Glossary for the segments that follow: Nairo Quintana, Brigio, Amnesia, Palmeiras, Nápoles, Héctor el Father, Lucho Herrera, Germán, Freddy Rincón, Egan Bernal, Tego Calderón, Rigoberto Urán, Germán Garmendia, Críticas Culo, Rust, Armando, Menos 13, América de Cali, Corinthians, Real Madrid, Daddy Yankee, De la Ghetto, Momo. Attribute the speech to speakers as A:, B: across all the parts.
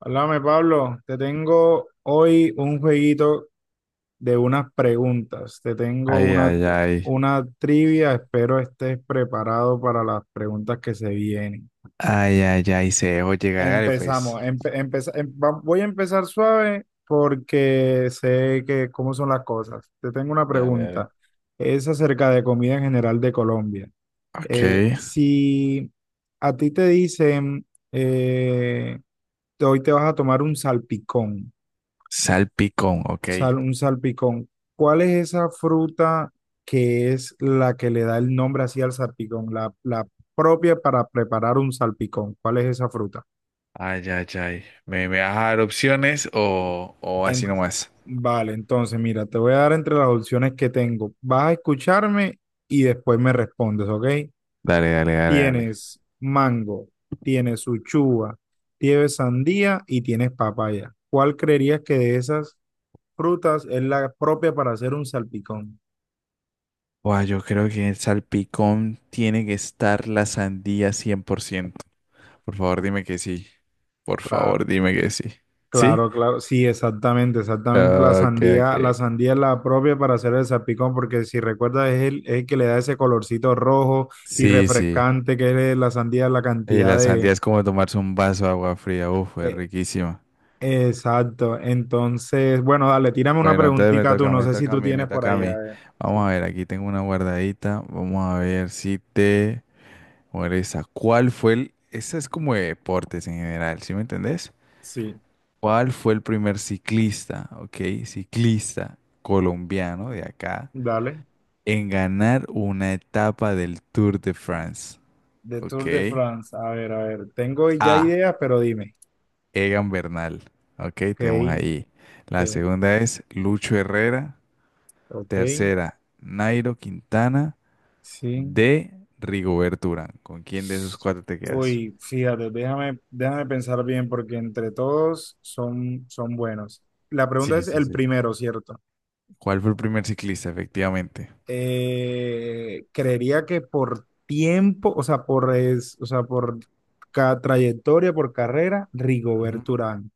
A: Háblame, Pablo. Te tengo hoy un jueguito de unas preguntas. Te tengo
B: Ay,
A: una,
B: ay, ay.
A: una trivia. Espero estés preparado para las preguntas que se vienen.
B: Ay, ay, ay. Se dejó llegar, dale, pues.
A: Empezamos. Voy a empezar suave porque sé que cómo son las cosas. Te tengo una
B: Dale, dale.
A: pregunta. Es acerca de comida en general de Colombia.
B: Ok.
A: Si a ti te dicen, eh, hoy te vas a tomar un salpicón.
B: Salpicón, ok.
A: Un salpicón. ¿Cuál es esa fruta que es la que le da el nombre así al salpicón? La propia para preparar un salpicón. ¿Cuál es esa fruta?
B: Ay, ay, ay. ¿Me vas a dar opciones o
A: En-
B: así nomás?
A: vale, entonces mira, te voy a dar entre las opciones que tengo. Vas a escucharme y después me respondes, ¿ok?
B: Dale, dale, dale, dale.
A: Tienes mango, tienes uchuva, tienes sandía y tienes papaya. ¿Cuál creerías que de esas frutas es la propia para hacer un salpicón?
B: Buah, yo creo que en el salpicón tiene que estar la sandía 100%. Por ciento. Por favor, dime que sí. Por favor,
A: Claro.
B: dime que sí. ¿Sí?
A: Claro, claro, sí, exactamente, exactamente. La
B: Ok, ok.
A: sandía, la sandía es la propia para hacer el salpicón, porque si recuerdas es el que le da ese colorcito rojo y
B: Sí, sí.
A: refrescante que es la sandía, la
B: Y
A: cantidad
B: la
A: de...
B: sandía es como tomarse un vaso de agua fría. Uf, es
A: eh,
B: riquísima.
A: exacto. Entonces, bueno, dale, tírame una
B: Bueno, entonces
A: preguntita tú, no
B: me
A: sé si
B: toca a
A: tú
B: mí, me
A: tienes por
B: toca a
A: ahí, a
B: mí.
A: ver.
B: Vamos
A: Sí,
B: a ver, aquí tengo una guardadita. Vamos a ver si te molesta. ¿Cuál fue el...? Ese es como de deportes en general, ¿sí me entendés?
A: sí,
B: ¿Cuál fue el primer ciclista, ok? Ciclista colombiano de acá
A: dale.
B: en ganar una etapa del Tour de France,
A: De
B: ok?
A: Tour de France, a ver, a ver. Tengo ya
B: A.
A: ideas, pero dime.
B: Egan Bernal, ok,
A: Ok,
B: tenemos ahí. La
A: ok,
B: segunda es Lucho Herrera.
A: ok,
B: Tercera, Nairo Quintana.
A: sí.
B: De Rigoberto Urán. ¿Con quién de esos cuatro te quedas?
A: Uy, fíjate, déjame pensar bien porque entre todos son buenos. La pregunta
B: Sí,
A: es
B: sí,
A: el
B: sí.
A: primero, ¿cierto?
B: ¿Cuál fue el primer ciclista? Efectivamente.
A: Creería que por tiempo, o sea, por, es, o sea, por ca- trayectoria, por carrera,
B: Ujú.
A: Rigoberto Urán.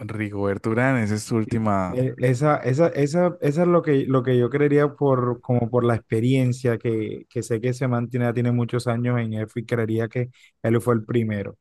B: Rigoberto Urán, esa es tu última.
A: Esa es lo que yo creería por, como por la experiencia que sé que se mantiene, tiene muchos años en F y creería que él fue el primero.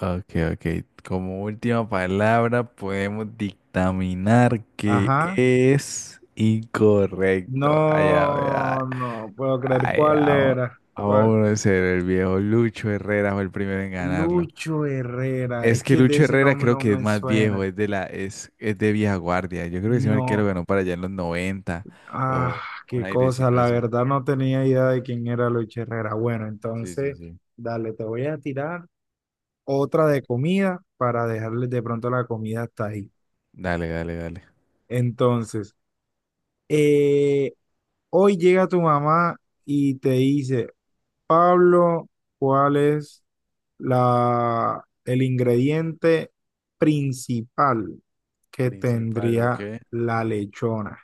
B: Ok, ok. Como última palabra, podemos dictaminar que
A: Ajá.
B: es incorrecto. Ay, ay, ay.
A: No, no puedo creer
B: Ay,
A: cuál
B: vamos.
A: era. ¿Cuál?
B: Vamos a ser el viejo Lucho Herrera fue el primero en ganarlo.
A: Lucho Herrera.
B: Es
A: Es
B: que
A: que de
B: Lucho
A: ese
B: Herrera
A: nombre
B: creo
A: no
B: que es
A: me
B: más viejo,
A: suena.
B: es de la, es de vieja guardia. Yo creo que ese marquero
A: No.
B: ganó para allá en los noventa
A: Ah,
B: o un
A: qué cosa.
B: airecito
A: La
B: así.
A: verdad no tenía idea de quién era Lucho Herrera. Bueno,
B: Sí, sí,
A: entonces,
B: sí.
A: dale, te voy a tirar otra de comida para dejarles de pronto la comida hasta ahí.
B: Dale, dale, dale.
A: Entonces, eh, hoy llega tu mamá y te dice, Pablo, ¿cuál es el ingrediente principal que
B: Principal, ¿ok?
A: tendría la lechona?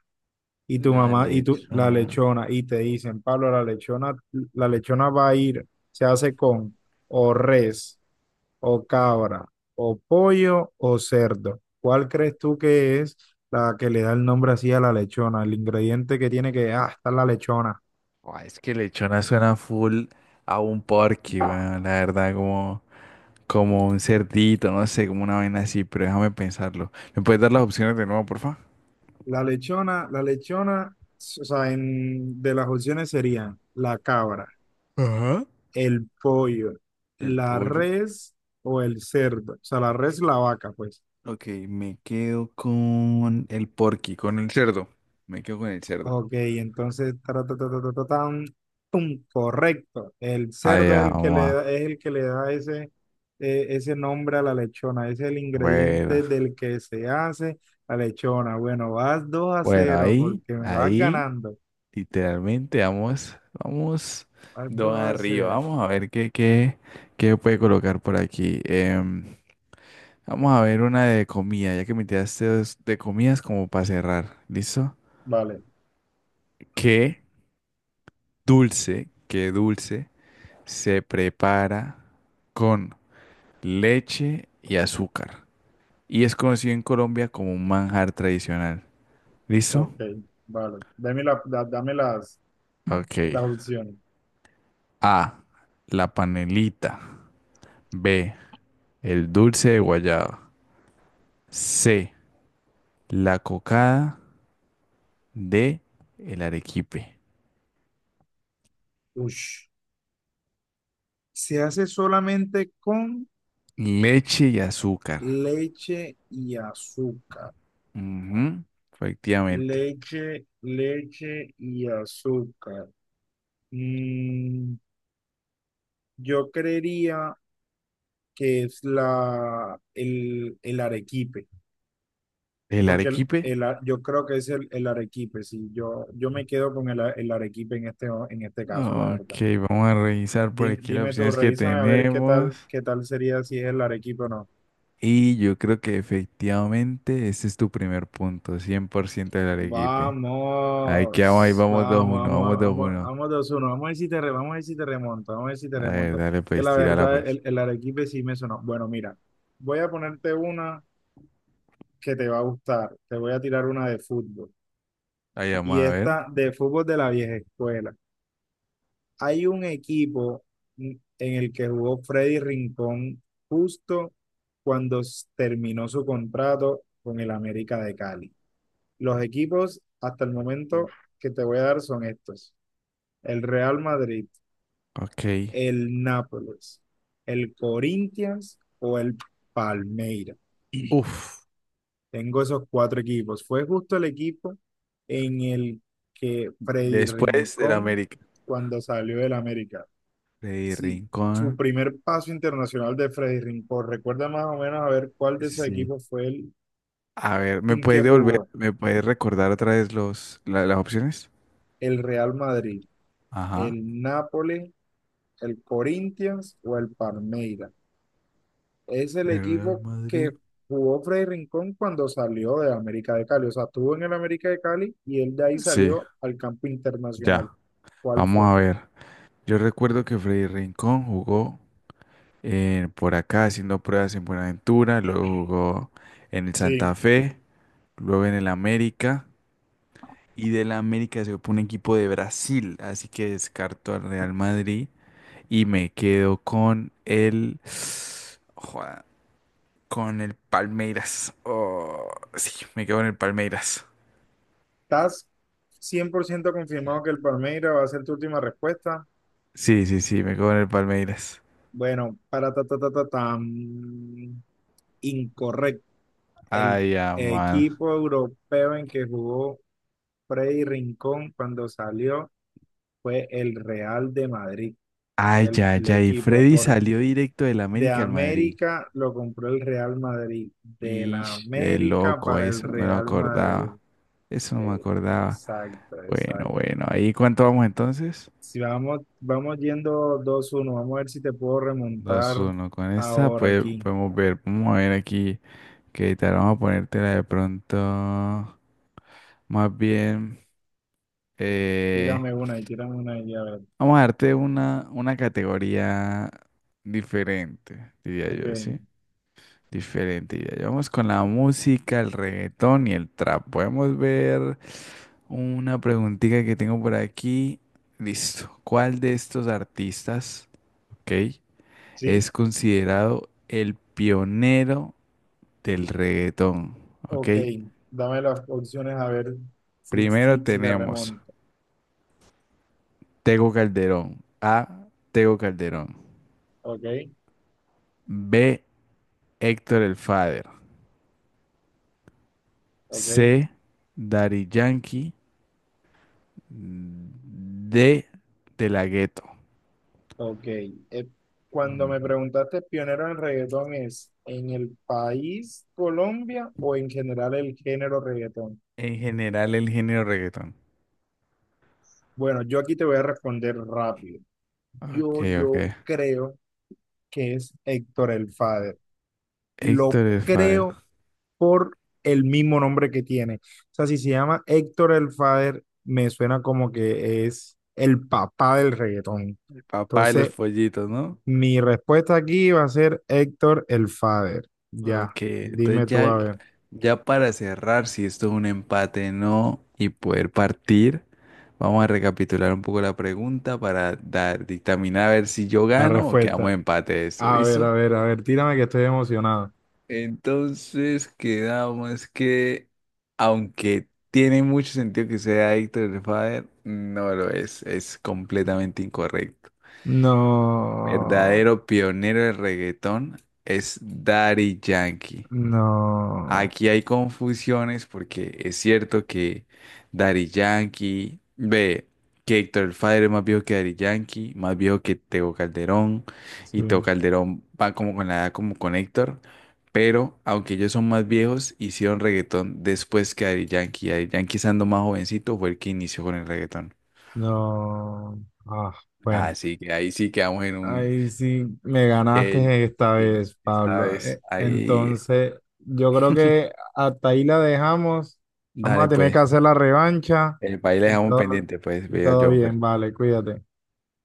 A: Y tu
B: La
A: mamá, y tú, la
B: lechona.
A: lechona, y te dicen, Pablo, la lechona va a ir, se hace con o res, o cabra, o pollo, o cerdo. ¿Cuál crees tú que es la que le da el nombre así a la lechona? El ingrediente que tiene que, ah, está la lechona.
B: Buah, es que lechona suena full a un porky, weón. La verdad, como, como un cerdito, no sé, como una vaina así, pero déjame pensarlo. ¿Me puedes dar las opciones de nuevo, porfa?
A: La lechona, o sea, de las opciones serían la cabra,
B: Ajá.
A: el pollo,
B: El
A: la
B: pollo.
A: res o el cerdo. O sea, la res, la vaca, pues.
B: Ok, me quedo con el porky, con el cerdo. Me quedo con el cerdo.
A: Ok, entonces, ta, ta, ta, ta, ta, ta, tan, tum, correcto. El
B: Ay,
A: cerdo es el que le da,
B: mamá.
A: es el que le da ese, ese nombre a la lechona. Es el ingrediente
B: Bueno,
A: del que se hace la lechona. Bueno, vas dos a
B: bueno,
A: cero
B: ahí,
A: porque me vas
B: ahí,
A: ganando.
B: literalmente vamos, vamos
A: Vas dos
B: dos
A: a
B: arriba.
A: cero
B: Vamos a ver qué puede colocar por aquí. Vamos a ver una de comida, ya que me tiraste dos de comidas como para cerrar. ¿Listo?
A: Vale.
B: ¿Qué qué dulce se prepara con leche y azúcar y es conocido en Colombia como un manjar tradicional?
A: Ok,
B: ¿Listo?
A: vale. Dame
B: Ok.
A: las opciones.
B: A. La panelita. B. El dulce de guayaba. C. La cocada. D. El arequipe.
A: Ush. Se hace solamente con
B: Leche y azúcar.
A: leche y azúcar.
B: Ujú, efectivamente.
A: Leche y azúcar. Mm, yo creería que es el arequipe,
B: ¿El
A: porque
B: arequipe?
A: yo creo que es el arequipe, sí, yo me quedo con el arequipe en en este caso, la
B: Ok,
A: verdad.
B: vamos a revisar por aquí las
A: Dime, tú,
B: opciones que
A: revísame a ver
B: tenemos.
A: qué tal sería si es el Arequipa o no.
B: Y yo creo que efectivamente ese es tu primer punto, cien por ciento del arequipe. Ahí quedamos, ahí
A: Vamos,
B: vamos dos
A: vamos,
B: uno,
A: vamos,
B: vamos dos
A: vamos,
B: uno.
A: vamos 2-1. Vamos a ver si te remonto, vamos a ver si te
B: A ver,
A: remonto.
B: dale
A: Que
B: pues,
A: la
B: tírala
A: verdad,
B: pues.
A: el Arequipe sí me sonó. Bueno, mira, voy a ponerte una que te va a gustar. Te voy a tirar una de fútbol.
B: Ahí vamos
A: Y
B: a ver.
A: esta de fútbol de la vieja escuela. Hay un equipo en el que jugó Freddy Rincón justo cuando terminó su contrato con el América de Cali. Los equipos hasta el momento que te voy a dar son estos. El Real Madrid,
B: Ok.
A: el Nápoles, el Corinthians o el Palmeiras.
B: Uf.
A: Tengo esos cuatro equipos. Fue justo el equipo en el que Freddy
B: Después del
A: Rincón,
B: América.
A: cuando salió del América,
B: Freddy
A: sí, su
B: Rincón.
A: primer paso internacional de Freddy Rincón. Recuerda más o menos a ver cuál de esos
B: Sí.
A: equipos fue el
B: A ver, ¿me
A: en que
B: puedes devolver,
A: jugó.
B: me puedes recordar otra vez las opciones?
A: El Real Madrid,
B: Ajá.
A: el Nápoles, el Corinthians o el Palmeiras. Es
B: El
A: el
B: Real
A: equipo que
B: Madrid.
A: jugó Freddy Rincón cuando salió de América de Cali. O sea, estuvo en el América de Cali y él de ahí
B: Sí,
A: salió al campo internacional.
B: ya.
A: ¿Cuál
B: Vamos
A: fue?
B: a ver. Yo recuerdo que Freddy Rincón jugó en- por acá haciendo pruebas en Buenaventura, luego jugó en el Santa
A: Sí,
B: Fe, luego en el América. Y de la América se fue un equipo de Brasil, así que descarto al Real Madrid y me quedo con el... Joda, con el Palmeiras. Oh, sí, me quedo con el Palmeiras.
A: estás 100% confirmado que el Palmeiras va a ser tu última respuesta.
B: Sí, sí, sí, me quedo con el Palmeiras.
A: Bueno, para ta, ta, ta, ta, tan, incorrecto. El
B: Ay, ya, man.
A: equipo europeo en que jugó Freddy Rincón cuando salió fue el Real de Madrid.
B: Ay, ya,
A: El
B: ya. Y
A: equipo
B: Freddy salió directo del
A: de
B: América al Madrid.
A: América lo compró el Real Madrid. De
B: Y
A: la
B: de
A: América
B: loco,
A: para el
B: eso no me lo
A: Real Madrid.
B: acordaba. Eso no me
A: Eh,
B: acordaba.
A: exacto,
B: Bueno,
A: exacto.
B: bueno, ahí, ¿cuánto vamos entonces?
A: Si vamos, vamos yendo 2-1, vamos a ver si te puedo remontar
B: Dos uno. Con esta
A: ahora
B: pues,
A: aquí.
B: podemos ver. Vamos a ver aquí qué tal. Vamos a ponértela de pronto. Más bien, eh,
A: Tírame una y a ver.
B: vamos a darte una categoría diferente, diría yo,
A: Ok.
B: ¿sí? Diferente, diría yo. Vamos con la música, el reggaetón y el trap. Podemos ver una preguntita que tengo por aquí. Listo. ¿Cuál de estos artistas, ok,
A: ¿Sí?
B: es considerado el pionero del reggaetón, ok?
A: Ok. Dame las opciones a ver si,
B: Primero
A: si, si te
B: tenemos
A: remonto.
B: Tego Calderón. A. Tego Calderón.
A: Ok,
B: B. Héctor el Father.
A: ok,
B: C. Daddy Yankee. D. De la Ghetto.
A: ok. Eh, cuando me preguntaste pionero en reggaetón, ¿es en el país Colombia o en general el género reggaetón?
B: En general, el género reggaetón.
A: Bueno, yo aquí te voy a responder rápido.
B: Ok, ok.
A: Yo creo que es Héctor el Father. Lo
B: Héctor el Father.
A: creo por el mismo nombre que tiene. O sea, si se llama Héctor el Father, me suena como que es el papá del reggaetón.
B: El papá de los
A: Entonces,
B: pollitos, ¿no?
A: mi respuesta aquí va a ser Héctor el Father. Ya,
B: Ok, entonces
A: dime tú
B: ya,
A: a ver
B: ya para cerrar, si esto es un empate, no, y poder partir, vamos a recapitular un poco la pregunta para dar, dictaminar a ver si yo
A: la
B: gano o
A: respuesta.
B: quedamos empate de esto,
A: A ver, a
B: ¿listo?
A: ver, a ver, tírame que estoy emocionado.
B: Entonces quedamos que, aunque tiene mucho sentido que sea Héctor el Father, no lo es completamente incorrecto.
A: No,
B: Verdadero pionero del reggaetón es Daddy Yankee.
A: no,
B: Aquí hay confusiones porque es cierto que Daddy Yankee, ve, que Héctor el Father es más viejo que Daddy Yankee, más viejo que Tego Calderón, y Tego
A: sí,
B: Calderón va como con la edad como con Héctor, pero aunque ellos son más viejos, hicieron reggaetón después que Daddy Yankee. Daddy Yankee estando más jovencito fue el que inició con el reggaetón.
A: no. Ah, bueno.
B: Así que ahí sí quedamos en un...
A: Ahí sí me
B: eh,
A: ganaste esta
B: sí,
A: vez,
B: esta
A: Pablo.
B: vez, ahí,
A: Entonces, yo creo que hasta ahí la dejamos. Vamos a
B: dale
A: tener que
B: pues,
A: hacer la revancha.
B: el país le dejamos
A: Todo,
B: pendiente pues, veo
A: todo bien,
B: Jonfer.
A: vale, cuídate.